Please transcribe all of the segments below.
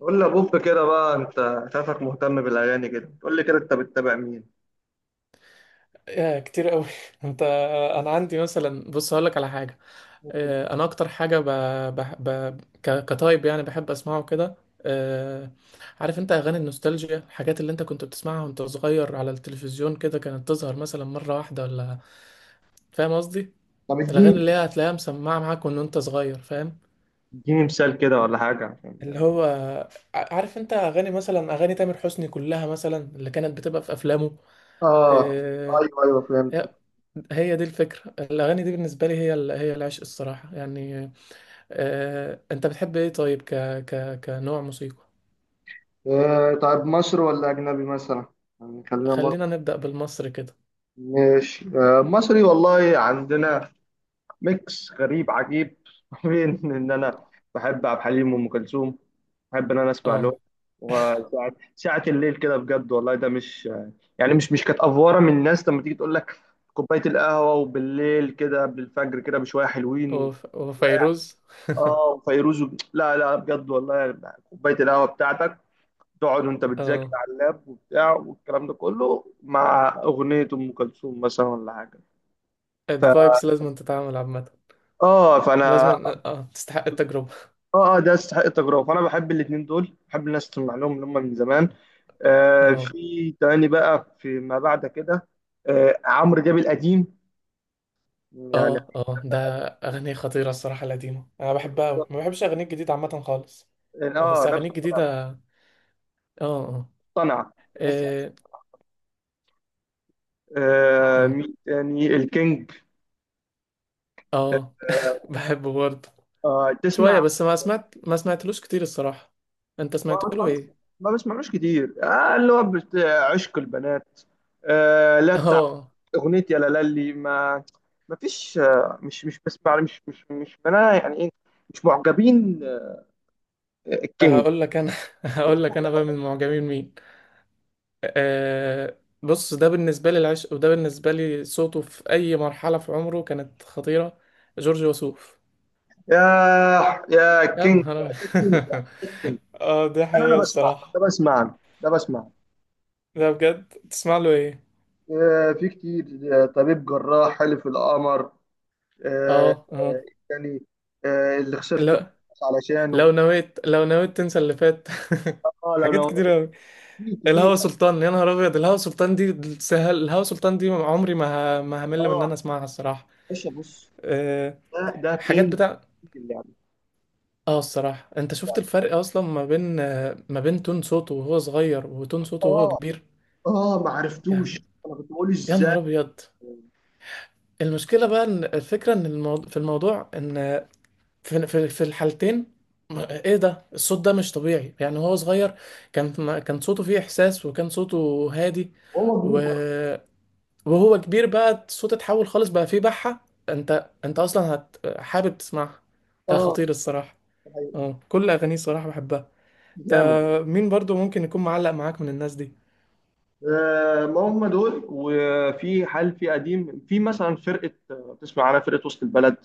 قول لي يا بوب كده بقى، انت شايفك مهتم بالاغاني كده. قول لي كده، انت بتتابع مين؟ يا كتير قوي انت انا عندي مثلا بص هقول لك على حاجه. انا اكتر حاجه كتايب يعني بحب اسمعه كده. آه، عارف انت اغاني النوستالجيا، الحاجات اللي انت كنت بتسمعها وانت صغير على التلفزيون كده، كانت تظهر مثلا مره واحده ولا؟ فاهم قصدي، طب الاغاني اديني، اللي هي هتلاقيها مسمعه معاك وان انت صغير، فاهم؟ اديني مثال كده ولا حاجه عشان. اللي هو عارف انت اغاني، مثلا اغاني تامر حسني كلها مثلا اللي كانت بتبقى في افلامه. اه، آه، ايوه ايوه، فهمت. هي دي الفكرة. الأغاني دي بالنسبة لي هي هي العشق الصراحة يعني. أنت بتحب إيه طيب ك ك كنوع موسيقى؟ آه طيب، مصري ولا اجنبي مثلا؟ يعني خلينا مصري. خلينا نبدأ بالمصري كده. ماشي، آه مصري. والله عندنا ميكس غريب عجيب بين ان انا بحب عبد الحليم وام كلثوم، بحب ان انا اسمع لهم. أه وساعة الليل كده بجد، والله ده مش يعني مش مش كانت افوره من الناس لما تيجي تقول لك كوبايه القهوه، وبالليل كده قبل الفجر كده بشويه حلوين وفيروز. اه، وفيروز لا لا، بجد والله، يعني كوبايه القهوه بتاعتك تقعد وانت بتذاكر أه على اللاب وبتاع، والكلام ده كله مع اغنيه ام كلثوم مثلا ولا حاجه. ف... الفايبس لازم تتعامل عامة، اه لازم. فانا، أه تستحق التجربة. اه اه، ده يستحق التجربه. فانا بحب الاثنين دول، بحب الناس تسمع لهم، اللي هم من زمان. آه، أه في تاني بقى في ما بعد كده. آه عمرو دياب القديم، يعني. أه أه ده أغنية خطيرة الصراحة، القديمة أنا بحبها أوي، ما بحبش أغاني الجديدة عامة خالص يعني، بس اه أغاني نفس الكلام، الجديدة. أه أه مقتنع. بس إيه، آه، أه مين تاني؟ الكينج. أه آه. بحبه برضه آه، تسمع؟ شوية بس ما سمعتلوش كتير الصراحة. انت ما سمعت له بسمعلوش، ايه؟ ما بسمعلوش كتير. آه، اللي هو عشق البنات. آه لا، بتاع اه. اغنيه يا لالي ما. ما فيش، آه مش بسمع، مش انا يعني ايه، مش معجبين. كينج؟ هقول لك انا، هقول لك انا بقى من معجبين مين. أه بص، ده بالنسبة لي العشق، وده بالنسبة لي صوته في اي مرحلة في عمره كانت خطيرة. جورج وسوف، يا يا يا كينج. نهار كينج، أبيض. كينج. اه دي انا حقيقة انا بسمع ده، الصراحة. بسمع ده، بسمع. ده بجد، تسمع له ايه؟ آه، في كتير. آه، طبيب جراح، حلف القمر. آه، اه اه. آه، يعني آه، اللي خسرت كنت لو علشانه. لو نويت، لو نويت تنسى اللي فات. اه لو، حاجات لو كتير. كتير كتير. الهوى سلطان، يا نهار ابيض. الهوى سلطان دي سهل، الهوى سلطان دي عمري ما ما همل من ان اه انا اسمعها الصراحه. باشا بص، أه ده ده حاجات كينج بتاع. في اللعبه. اه الصراحه انت شفت الفرق اصلا ما بين، آه، ما بين تون صوته وهو صغير وتون صوته وهو اه كبير اه ما عرفتوش، يعني. انا كنت بقول يا ازاي. نهار ابيض. المشكله بقى ان الفكره، ان الموضوع، في الموضوع ان في الحالتين. ايه ده، الصوت ده مش طبيعي يعني. هو صغير كان صوته فيه احساس، وكان صوته هادي، هو و... كبير برضه. وهو كبير بقى الصوت اتحول خالص، بقى فيه بحة. انت اصلا حابب تسمعها. ده اه خطير الصراحة. ده حقيقي. اه كل اغانيه الصراحة بحبها. ده جامد. مين برضو ممكن يكون معلق معاك من الناس دي؟ آه، ما هم دول. وفي حال، في قديم، في مثلا فرقة، آه، تسمع عنها فرقة وسط البلد.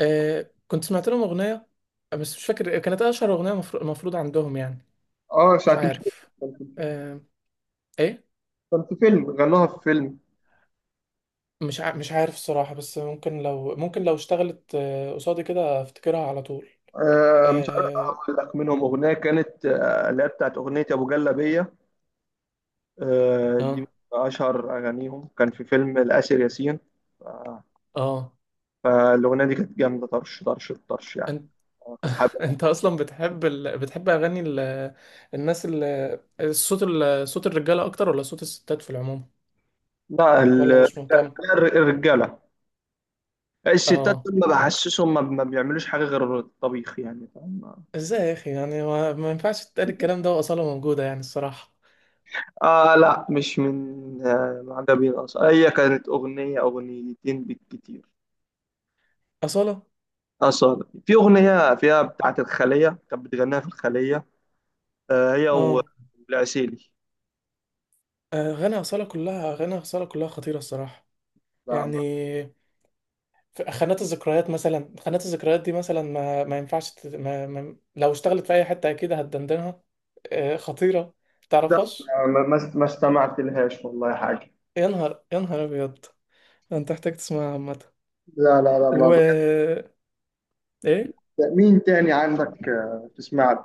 آه كنت سمعت لهم اغنية، بس مش فاكر كانت اشهر اغنية مفروض عندهم يعني، اه مش ساعة تمشي. عارف. كان في فيلم، آه، ايه. كان في فيلم، غنوها في فيلم. مش عارف الصراحة، بس ممكن لو، ممكن لو اشتغلت، آه، قصادي كده افتكرها على طول. آه، مش عارف اه اقول لك منهم اغنية كانت آه، اللي هي بتاعت اغنية ابو جلابية. آه دي من اشهر اغانيهم، كان في فيلم الاسر ياسين. آه، اه آه. فالاغنية دي كانت جامدة، طرش طرش طرش يعني. آه، كنت بحب. انت اصلا بتحب ال... بتحب اغاني ال... الناس ال... الصوت ال... صوت الرجاله اكتر ولا صوت الستات في العموم، لا ولا مش مهتم؟ الرجالة. اه الستات دول ما اه. بحسسهم، ما بيعملوش حاجة غير الطبيخ، يعني فاهم. ازاي يا اخي يعني ما ينفعش تتقال الكلام ده واصاله موجوده يعني الصراحه. آه لا، مش من آه معجبين أصلا، هي كانت أغنية أغنيتين بالكتير. اصاله. أصلا في أغنية فيها بتاعة الخلية، كانت بتغنيها في الخلية. آه هي اه والعسيلي. اغاني اصاله كلها، اغاني اصاله كلها خطيره الصراحه لا، يعني. في خانات الذكريات مثلا، خانات الذكريات دي مثلا ما ينفعش تت... ما... ما... لو اشتغلت في اي حته اكيد هتدندنها. آه، خطيره. ده تعرفهاش؟ ما استمعت لهاش والله حاجة. يا نهار، يا نهار ابيض. انت محتاج تسمعها عامة. لا لا لا، ما بحب. و ايه، مين تاني عندك آه، تسمع له؟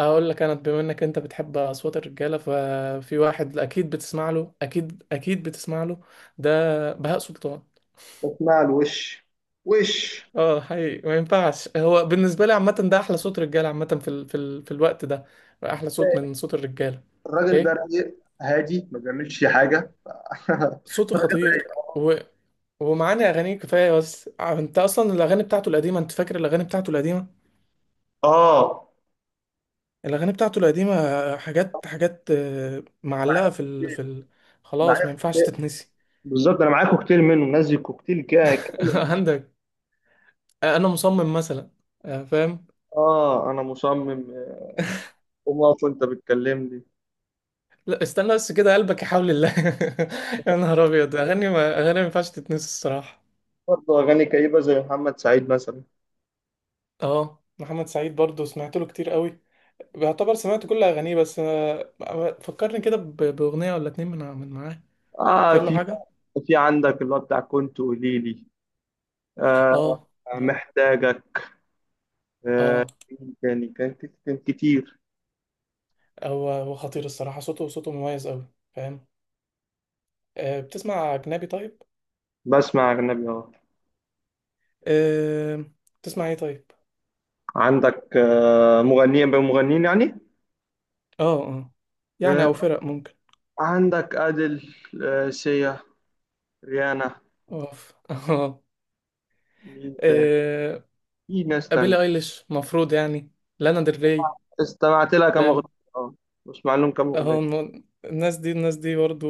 اقول لك انا، بما انك انت بتحب اصوات الرجاله ففي واحد اكيد بتسمع له، اكيد اكيد بتسمع له. ده بهاء سلطان. بسمع له. وش، وش؟ اه حقيقي ما ينفعش، هو بالنسبه لي عامه ده احلى صوت رجاله عامه في ال... في ال... في الوقت ده، احلى صوت من صوت الرجاله. الراجل ده ايه رايق، هادي، ما بيعملش حاجة صوته الراجل خطير، رايق. و... ومعاني اغانيه كفايه. بس انت اصلا الاغاني بتاعته القديمه، انت فاكر الاغاني بتاعته القديمه، آه الاغاني بتاعته القديمه حاجات حاجات، آه، معايا معلقه في في ال... في البيت، ال... خلاص ما معايا ينفعش تتنسي. بالظبط. انا معايا كوكتيل منه نازل، كوكتيل كده كامل. عندك. انا مصمم مثلا، آه، فاهم. اه انا مصمم، آه، قوم اقف وانت بتكلمني. لا استنى بس كده قلبك يحاول الله. يا نهار ابيض، اغاني، ما ينفعش تتنسي الصراحه. برضه اغاني كئيبه زي محمد سعيد مثلا. اه محمد سعيد برضو سمعت له كتير قوي، بيعتبر سمعت كل اغانيه، بس، آه، آه، فكرني كده باغنيه ولا اتنين من معاه. اه، فاكر له في، حاجه؟ في عندك اللي هو بتاع، كنت قولي لي. آه اه اه محتاجك. آه اه. يعني كان، كان كتير. هو خطير الصراحه، صوته صوته مميز قوي، فاهم. آه، بتسمع اجنبي طيب؟ بسمع اجنبي اه. أه... تسمع ايه طيب؟ عندك آه مغنيين بمغنيين يعني. اه اه يعني، او آه فرق ممكن. عندك ادل، آه سيا، ريانا. اوف اه. مين تاني؟ أه... في ناس تانية. بيلي ايليش مفروض يعني، لانا ديل ري، استمعت لها كام اغنيه. فاهم. اه، بسمع لهم كام اه اغنيه. الناس دي، الناس دي برضو.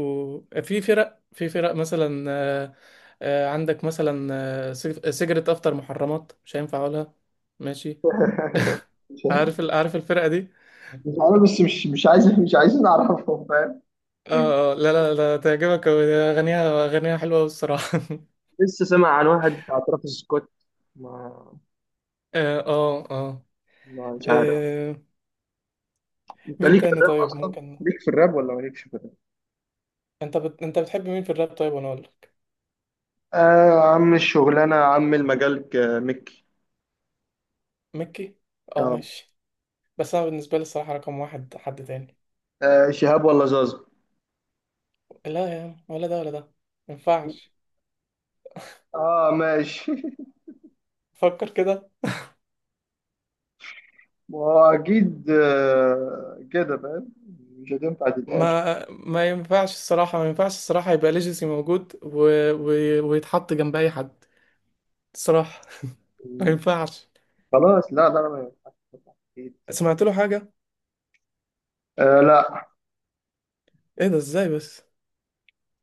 في فرق، مثلا، آه، آه، عندك مثلا، آه، سيجرت افتر محرمات، مش هينفع اقولها ماشي. مش عارف ال... عارف الفرقة دي؟ عارف، بس مش عايز، مش عايزين نعرفهم، فاهم. اه اه لا لا لا، تعجبك أوي، اغانيها اغانيها حلوة أوي الصراحة. لسه سامع عن واحد بتاع ترافيس سكوت. ما اه اه اه. ما مش عارف. آه، انت مين ليك في تاني الراب طيب اصلا؟ ممكن. ليك في الراب ولا مالكش في الراب؟ انت بت... انت بتحب مين في الراب طيب وانا اقول لك؟ آه عم الشغلانة، عم المجال، مكي. ميكي، اه اه. ماشي. بس انا بالنسبه لي الصراحه رقم واحد حد تاني. آه شهاب ولا زازا؟ لا يا عم، ولا ده ولا ده، ما ينفعش. اه ماشي فكر كده. ما هو اكيد آه كده فاهم، مش هتنفع تتقال. ما ينفعش الصراحه، ما ينفعش الصراحه يبقى ليجاسي موجود و... و... ويتحط جنب اي حد الصراحه. ما ينفعش. خلاص لا لا، ما ينفعش، أكيد. سمعت له حاجه؟ آه لا، ما ايه ده ازاي بس.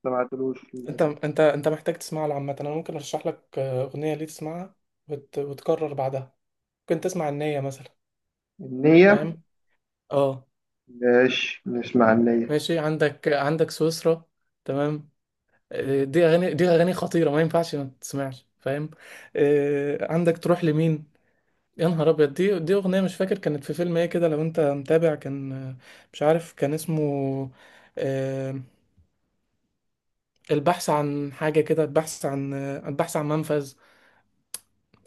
سمعتلوش انت للاسف. انت انت محتاج تسمع له عامه، انا ممكن ارشح لك، آه، اغنيه ليه تسمعها وتكرر بعدها. ممكن تسمع النية مثلا، النية؟ فاهم. اه ماشي نسمع النية. ماشي. عندك سويسرا، تمام. آه، دي اغاني، خطيره ما ينفعش ما تسمعش فاهم. آه، عندك تروح لمين. يا نهار ابيض، دي اغنيه مش فاكر كانت في فيلم ايه كده، لو انت متابع كان، آه، مش عارف كان اسمه، آه، البحث عن حاجه كده، البحث عن، آه، البحث عن منفذ.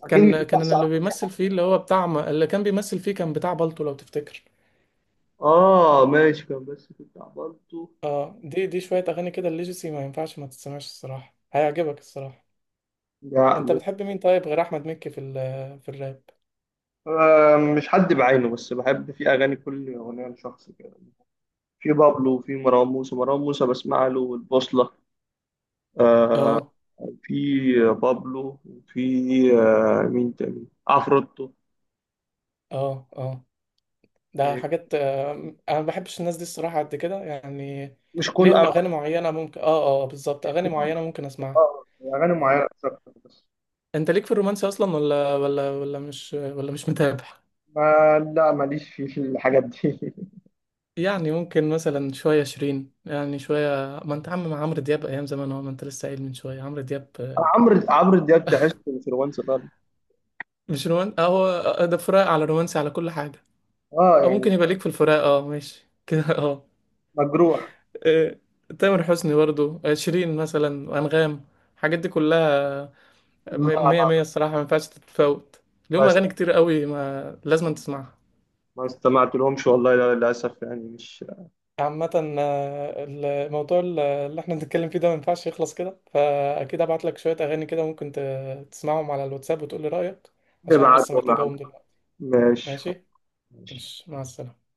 أكيد مش كان هتحصل على اللي النية. بيمثل فيه اللي هو بتاع اللي كان بيمثل فيه كان بتاع بالطو لو تفتكر. اه ماشي، كان بس كنت عبرته. اه دي دي شويه اغاني كده الليجسي، ما ينفعش ما تسمعش الصراحه، هيعجبك الصراحه. لا انت بتحب مين طيب غير احمد مكي في في الراب؟ آه، مش حد بعينه، بس بحب في أغاني، كل أغنية لشخص كده. في بابلو، وفي مروان موسى، مروان موسى بسمع له، والبوصلة. آه. اه في بابلو، وفي آه مين تاني، عفروتو. اه اه ده آه، حاجات، آه، انا ما بحبش الناس دي الصراحه قد كده يعني. مش كل ليهم أغاني. اغاني معينه ممكن، اه اه بالظبط، اغاني معينه ممكن اسمعها. آه، أغاني اه معينة بس أكتر بس. انت ليك في الرومانسي اصلا ولا مش متابع؟ ما لا، ماليش في الحاجات دي. يعني ممكن مثلا شويه شيرين، يعني شويه، ما انت عم مع عمرو دياب ايام زمان، هو ما انت لسه قايل من شويه عمرو دياب، آه، عمرو، عمرو دياب تحس انفلونسر. مش رومان. اه هو، آه، ده فراق على رومانسي على كل حاجه، اه او يعني، ممكن يبقى ليك في الفراق، اه ماشي. كده اه. مجروح. آه، تامر حسني برضو، آه، شيرين مثلا، انغام، الحاجات دي كلها لا مية لا مية لا، الصراحة، ما ينفعش تتفوت. ما ليهم است- أغاني كتير قوي ما لازم تسمعها ما استمعت لهمش والله، للأسف يعني مش. عامة. آه، الموضوع اللي احنا بنتكلم فيه ده ما ينفعش يخلص كده، فأكيد هبعت لك شوية أغاني كده ممكن تسمعهم على الواتساب وتقول لي رأيك، عشان بس ابعت ولا محتاج عم؟ أقوم دلوقتي. ماشي. ماشي؟ ماشي، مع السلامة.